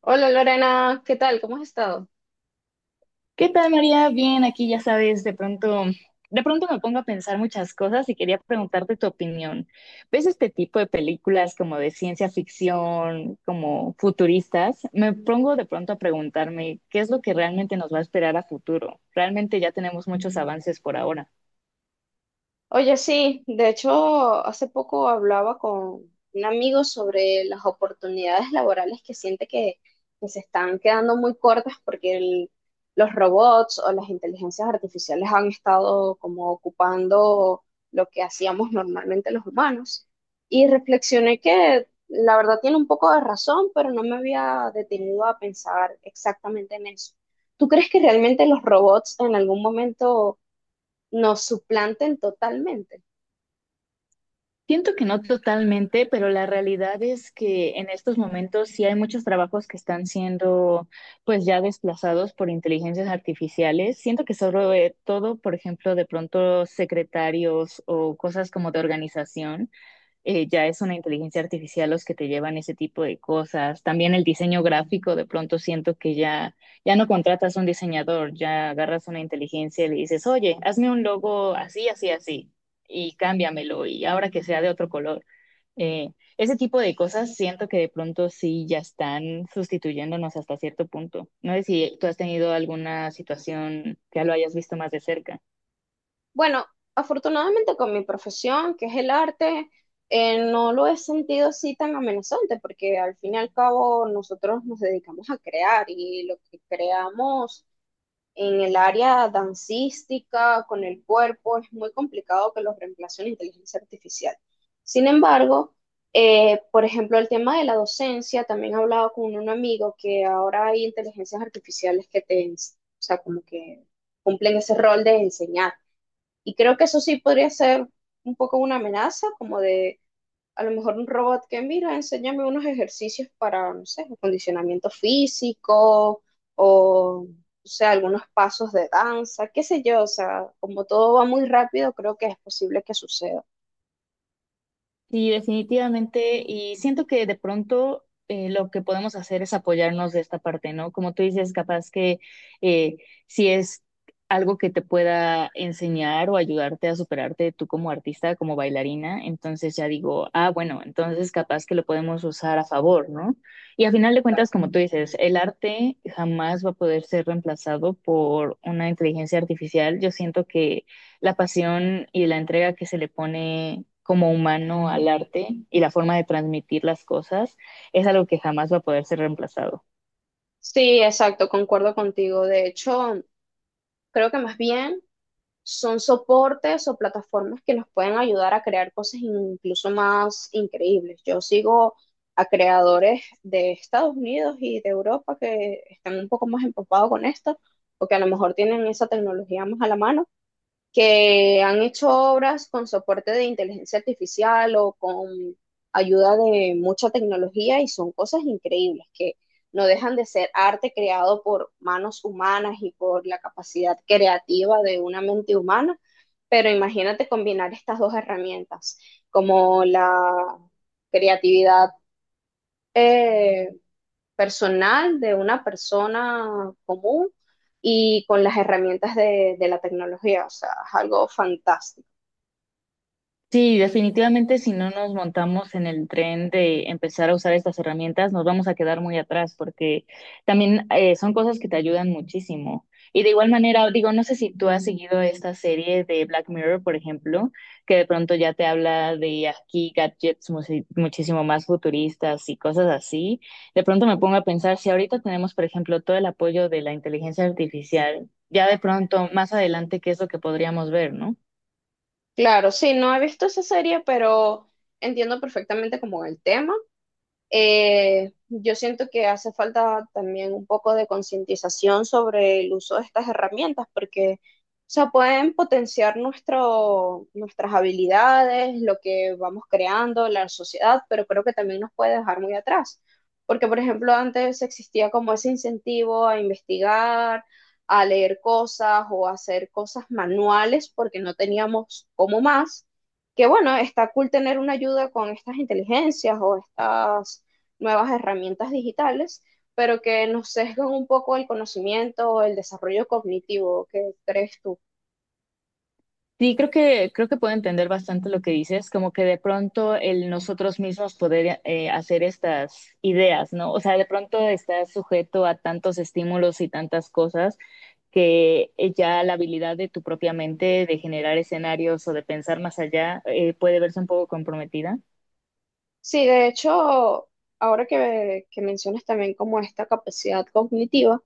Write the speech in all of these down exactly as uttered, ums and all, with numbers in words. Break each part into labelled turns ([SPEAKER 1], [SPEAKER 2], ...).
[SPEAKER 1] Hola Lorena, ¿qué tal? ¿Cómo has estado?
[SPEAKER 2] ¿Qué tal, María? Bien, aquí ya sabes, de pronto, de pronto me pongo a pensar muchas cosas y quería preguntarte tu opinión. ¿Ves este tipo de películas como de ciencia ficción, como futuristas? Me pongo de pronto a preguntarme qué es lo que realmente nos va a esperar a futuro. Realmente ya tenemos muchos avances por ahora.
[SPEAKER 1] Oye, sí, de hecho, hace poco hablaba con un amigo sobre las oportunidades laborales que siente que, que se están quedando muy cortas porque el- los robots o las inteligencias artificiales han estado como ocupando lo que hacíamos normalmente los humanos. Y reflexioné que la verdad tiene un poco de razón, pero no me había detenido a pensar exactamente en eso. ¿Tú crees que realmente los robots en algún momento nos suplanten totalmente?
[SPEAKER 2] Siento que no totalmente, pero la realidad es que en estos momentos sí hay muchos trabajos que están siendo pues ya desplazados por inteligencias artificiales. Siento que sobre todo, por ejemplo, de pronto secretarios o cosas como de organización eh, ya es una inteligencia artificial los que te llevan ese tipo de cosas. También el diseño gráfico, de pronto siento que ya, ya no contratas un diseñador, ya agarras una inteligencia y le dices, oye, hazme un logo así, así, así, y cámbiamelo, y ahora que sea de otro color. Eh, Ese tipo de cosas siento que de pronto sí ya están sustituyéndonos hasta cierto punto. No sé si tú has tenido alguna situación que ya lo hayas visto más de cerca.
[SPEAKER 1] Bueno, afortunadamente con mi profesión, que es el arte, eh, no lo he sentido así tan amenazante, porque al fin y al cabo nosotros nos dedicamos a crear y lo que creamos en el área dancística, con el cuerpo, es muy complicado que los reemplace la inteligencia artificial. Sin embargo, eh, por ejemplo, el tema de la docencia, también he hablado con un amigo que ahora hay inteligencias artificiales que te, ens- o sea, como que cumplen ese rol de enseñar. Y creo que eso sí podría ser un poco una amenaza, como de a lo mejor un robot que mira, enséñame unos ejercicios para, no sé, acondicionamiento físico o, o sea, algunos pasos de danza, qué sé yo, o sea, como todo va muy rápido, creo que es posible que suceda.
[SPEAKER 2] Sí, definitivamente. Y siento que de pronto eh, lo que podemos hacer es apoyarnos de esta parte, ¿no? Como tú dices, capaz que eh, si es algo que te pueda enseñar o ayudarte a superarte tú como artista, como bailarina, entonces ya digo, ah, bueno, entonces capaz que lo podemos usar a favor, ¿no? Y a final de cuentas, como tú dices, el arte jamás va a poder ser reemplazado por una inteligencia artificial. Yo siento que la pasión y la entrega que se le pone como humano al arte y la forma de transmitir las cosas es algo que jamás va a poder ser reemplazado.
[SPEAKER 1] Sí, exacto, concuerdo contigo. De hecho, creo que más bien son soportes o plataformas que nos pueden ayudar a crear cosas incluso más increíbles. Yo sigo a creadores de Estados Unidos y de Europa que están un poco más empapados con esto, porque a lo mejor tienen esa tecnología más a la mano que han hecho obras con soporte de inteligencia artificial o con ayuda de mucha tecnología y son cosas increíbles que no dejan de ser arte creado por manos humanas y por la capacidad creativa de una mente humana, pero imagínate combinar estas dos herramientas, como la creatividad eh, personal de una persona común y con las herramientas de, de la tecnología. O sea, es algo fantástico.
[SPEAKER 2] Sí, definitivamente si no nos montamos en el tren de empezar a usar estas herramientas, nos vamos a quedar muy atrás porque también eh, son cosas que te ayudan muchísimo. Y de igual manera, digo, no sé si tú has seguido esta serie de Black Mirror, por ejemplo, que de pronto ya te habla de aquí gadgets musi- muchísimo más futuristas y cosas así. De pronto me pongo a pensar si ahorita tenemos, por ejemplo, todo el apoyo de la inteligencia artificial, ya de pronto más adelante, ¿qué es lo que podríamos ver, no?
[SPEAKER 1] Claro, sí, no he visto esa serie, pero entiendo perfectamente como el tema. Eh, yo siento que hace falta también un poco de concientización sobre el uso de estas herramientas, porque, o sea, pueden potenciar nuestro, nuestras habilidades, lo que vamos creando, la sociedad, pero creo que también nos puede dejar muy atrás. Porque, por ejemplo, antes existía como ese incentivo a investigar, a leer cosas o a hacer cosas manuales, porque no teníamos como más. Que bueno, está cool tener una ayuda con estas inteligencias o estas nuevas herramientas digitales, pero que nos sesgan un poco el conocimiento o el desarrollo cognitivo. ¿Qué crees tú?
[SPEAKER 2] Sí, creo que, creo que puedo entender bastante lo que dices, como que de pronto el nosotros mismos poder eh, hacer estas ideas, ¿no? O sea, de pronto estás sujeto a tantos estímulos y tantas cosas que eh, ya la habilidad de tu propia mente de generar escenarios o de pensar más allá eh, puede verse un poco comprometida.
[SPEAKER 1] Sí, de hecho, ahora que, que mencionas también como esta capacidad cognitiva,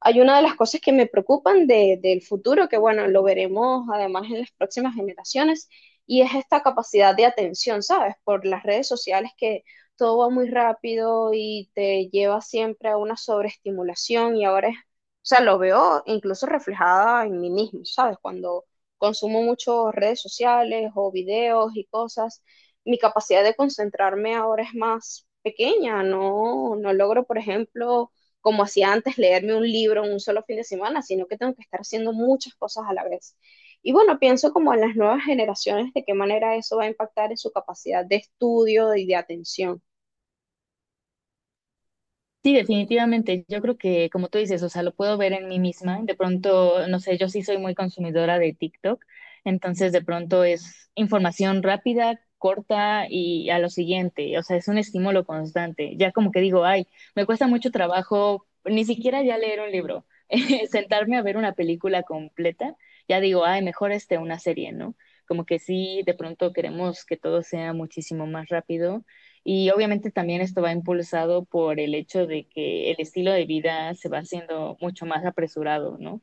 [SPEAKER 1] hay una de las cosas que me preocupan de- del futuro, que bueno, lo veremos además en las próximas generaciones, y es esta capacidad de atención, ¿sabes? Por las redes sociales que todo va muy rápido y te lleva siempre a una sobreestimulación y ahora es, o sea, lo veo incluso reflejada en mí mismo, ¿sabes? Cuando consumo mucho redes sociales o videos y cosas, mi capacidad de concentrarme ahora es más pequeña, no, no logro, por ejemplo, como hacía antes, leerme un libro en un solo fin de semana, sino que tengo que estar haciendo muchas cosas a la vez. Y bueno, pienso como en las nuevas generaciones, de qué manera eso va a impactar en su capacidad de estudio y de atención.
[SPEAKER 2] Sí, definitivamente. Yo creo que, como tú dices, o sea, lo puedo ver en mí misma. De pronto, no sé, yo sí soy muy consumidora de TikTok, entonces de pronto es información rápida, corta y a lo siguiente. O sea, es un estímulo constante. Ya como que digo, ay, me cuesta mucho trabajo, ni siquiera ya leer un libro, eh, sentarme a ver una película completa. Ya digo, ay, mejor este, una serie, ¿no? Como que sí, de pronto queremos que todo sea muchísimo más rápido y obviamente también esto va impulsado por el hecho de que el estilo de vida se va haciendo mucho más apresurado, ¿no?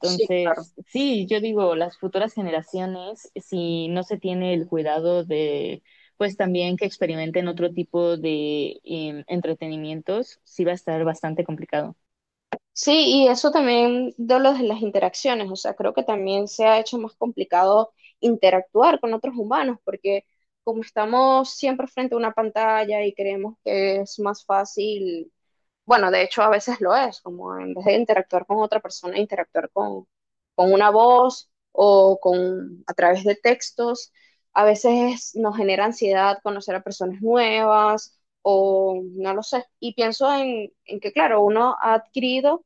[SPEAKER 1] Sí, claro.
[SPEAKER 2] sí, yo digo, las futuras generaciones, si no se tiene el cuidado de, pues también que experimenten otro tipo de em, entretenimientos, sí va a estar bastante complicado.
[SPEAKER 1] Sí, y eso también de lo de las interacciones, o sea, creo que también se ha hecho más complicado interactuar con otros humanos, porque como estamos siempre frente a una pantalla y creemos que es más fácil. Bueno, de hecho a veces lo es, como en vez de interactuar con otra persona, interactuar con, con una voz o con a través de textos. A veces nos genera ansiedad conocer a personas nuevas o no lo sé. Y pienso en, en que, claro, uno ha adquirido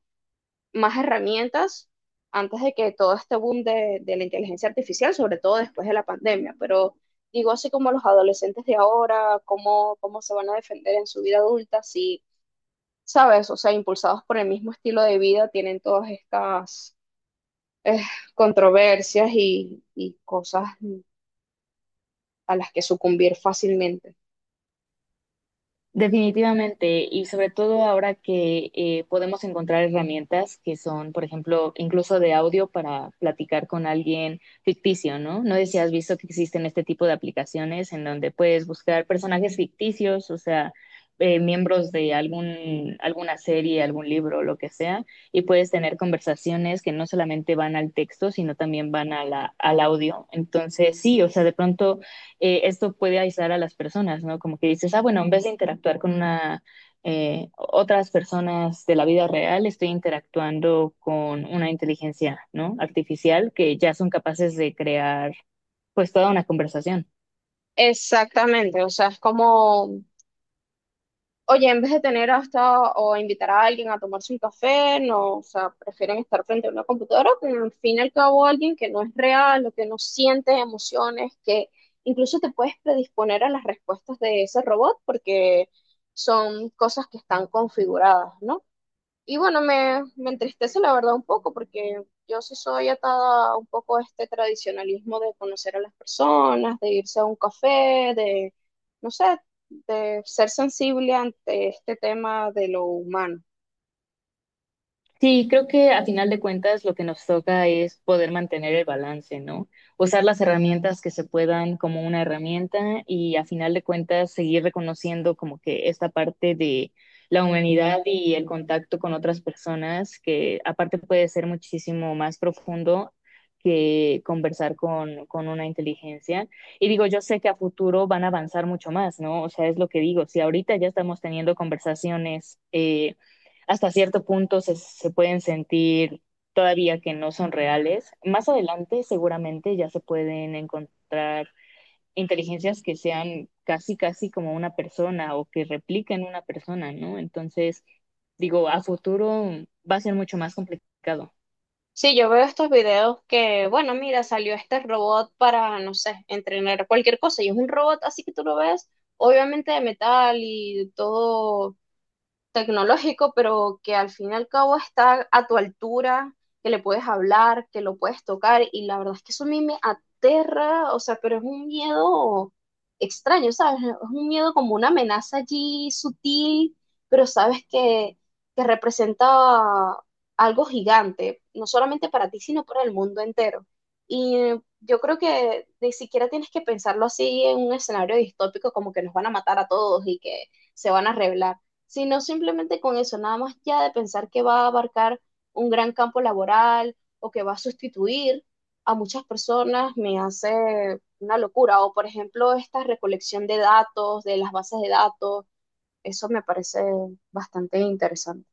[SPEAKER 1] más herramientas antes de que todo este boom de, de la inteligencia artificial, sobre todo después de la pandemia. Pero digo, así como los adolescentes de ahora, cómo, cómo se van a defender en su vida adulta si, ¿sabes? O sea, impulsados por el mismo estilo de vida, tienen todas estas eh, controversias y, y cosas a las que sucumbir fácilmente.
[SPEAKER 2] Definitivamente, y sobre todo ahora que eh, podemos encontrar herramientas que son, por ejemplo, incluso de audio para platicar con alguien ficticio, ¿no? No sé si has visto que existen este tipo de aplicaciones en donde puedes buscar personajes ficticios, o sea, eh, miembros de algún, alguna serie, algún libro, lo que sea, y puedes tener conversaciones que no solamente van al texto, sino también van a la- al audio. Entonces, sí, o sea, de pronto eh, esto puede aislar a las personas, ¿no? Como que dices, ah, bueno, en vez de interactuar con una, eh, otras personas de la vida real, estoy interactuando con una inteligencia, ¿no? Artificial que ya son capaces de crear, pues, toda una conversación.
[SPEAKER 1] Exactamente, o sea, es como, oye, en vez de tener hasta o invitar a alguien a tomarse un café, no, o sea, prefieren estar frente a una computadora con al fin y al cabo alguien que no es real, o que no siente emociones, que incluso te puedes predisponer a las respuestas de ese robot porque son cosas que están configuradas, ¿no? Y bueno, me, me entristece la verdad un poco porque yo sí soy atada un poco a este tradicionalismo de conocer a las personas, de irse a un café, de, no sé, de ser sensible ante este tema de lo humano.
[SPEAKER 2] Sí, creo que a final de cuentas lo que nos toca es poder mantener el balance, ¿no? Usar las herramientas que se puedan como una herramienta y a final de cuentas seguir reconociendo como que esta parte de la humanidad y el contacto con otras personas que aparte puede ser muchísimo más profundo que conversar con, con una inteligencia. Y digo, yo sé que a futuro van a avanzar mucho más, ¿no? O sea, es lo que digo, si ahorita ya estamos teniendo conversaciones. eh, hasta cierto punto se, se pueden sentir todavía que no son reales. Más adelante seguramente ya se pueden encontrar inteligencias que sean casi, casi como una persona o que repliquen una persona, ¿no? Entonces, digo, a futuro va a ser mucho más complicado.
[SPEAKER 1] Sí, yo veo estos videos que, bueno, mira, salió este robot para, no sé, entrenar cualquier cosa y es un robot así que tú lo ves, obviamente de metal y todo tecnológico, pero que al fin y al cabo está a tu altura, que le puedes hablar, que lo puedes tocar, y la verdad es que eso a mí me aterra, o sea, pero es un miedo extraño, ¿sabes? Es un miedo como una amenaza allí sutil, pero sabes que, que representa algo gigante, no solamente para ti, sino para el mundo entero. Y eh, yo creo que ni siquiera tienes que pensarlo así en un escenario distópico como que nos van a matar a todos y que se van a rebelar, sino simplemente con eso, nada más ya de pensar que va a abarcar un gran campo laboral o que va a sustituir a muchas personas me hace una locura. O por ejemplo, esta recolección de datos, de las bases de datos, eso me parece bastante interesante.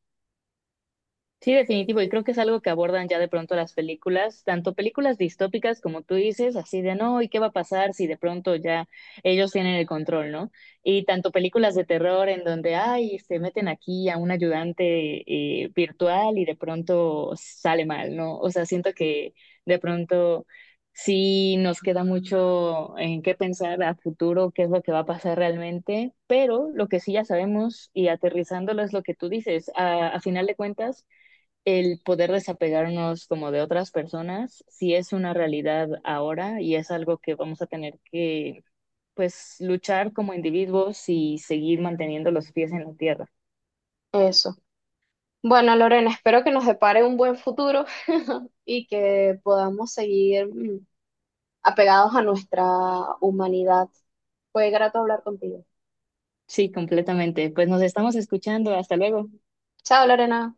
[SPEAKER 2] Sí, definitivo, y creo que es algo que abordan ya de pronto las películas, tanto películas distópicas como tú dices, así de no, ¿y qué va a pasar si de pronto ya ellos tienen el control, ¿no? Y tanto películas de terror en donde, ay, se meten aquí a un ayudante eh, virtual y de pronto sale mal, ¿no? O sea, siento que de pronto sí nos queda mucho en qué pensar a futuro, qué es lo que va a pasar realmente, pero lo que sí ya sabemos y aterrizándolo es lo que tú dices, a a final de cuentas el poder desapegarnos como de otras personas sí es una realidad ahora y es algo que vamos a tener que pues luchar como individuos y seguir manteniendo los pies en la tierra.
[SPEAKER 1] Eso. Bueno, Lorena, espero que nos depare un buen futuro y que podamos seguir mm, apegados a nuestra humanidad. Fue grato hablar contigo.
[SPEAKER 2] Sí, completamente. Pues nos estamos escuchando. Hasta luego.
[SPEAKER 1] Chao, Lorena.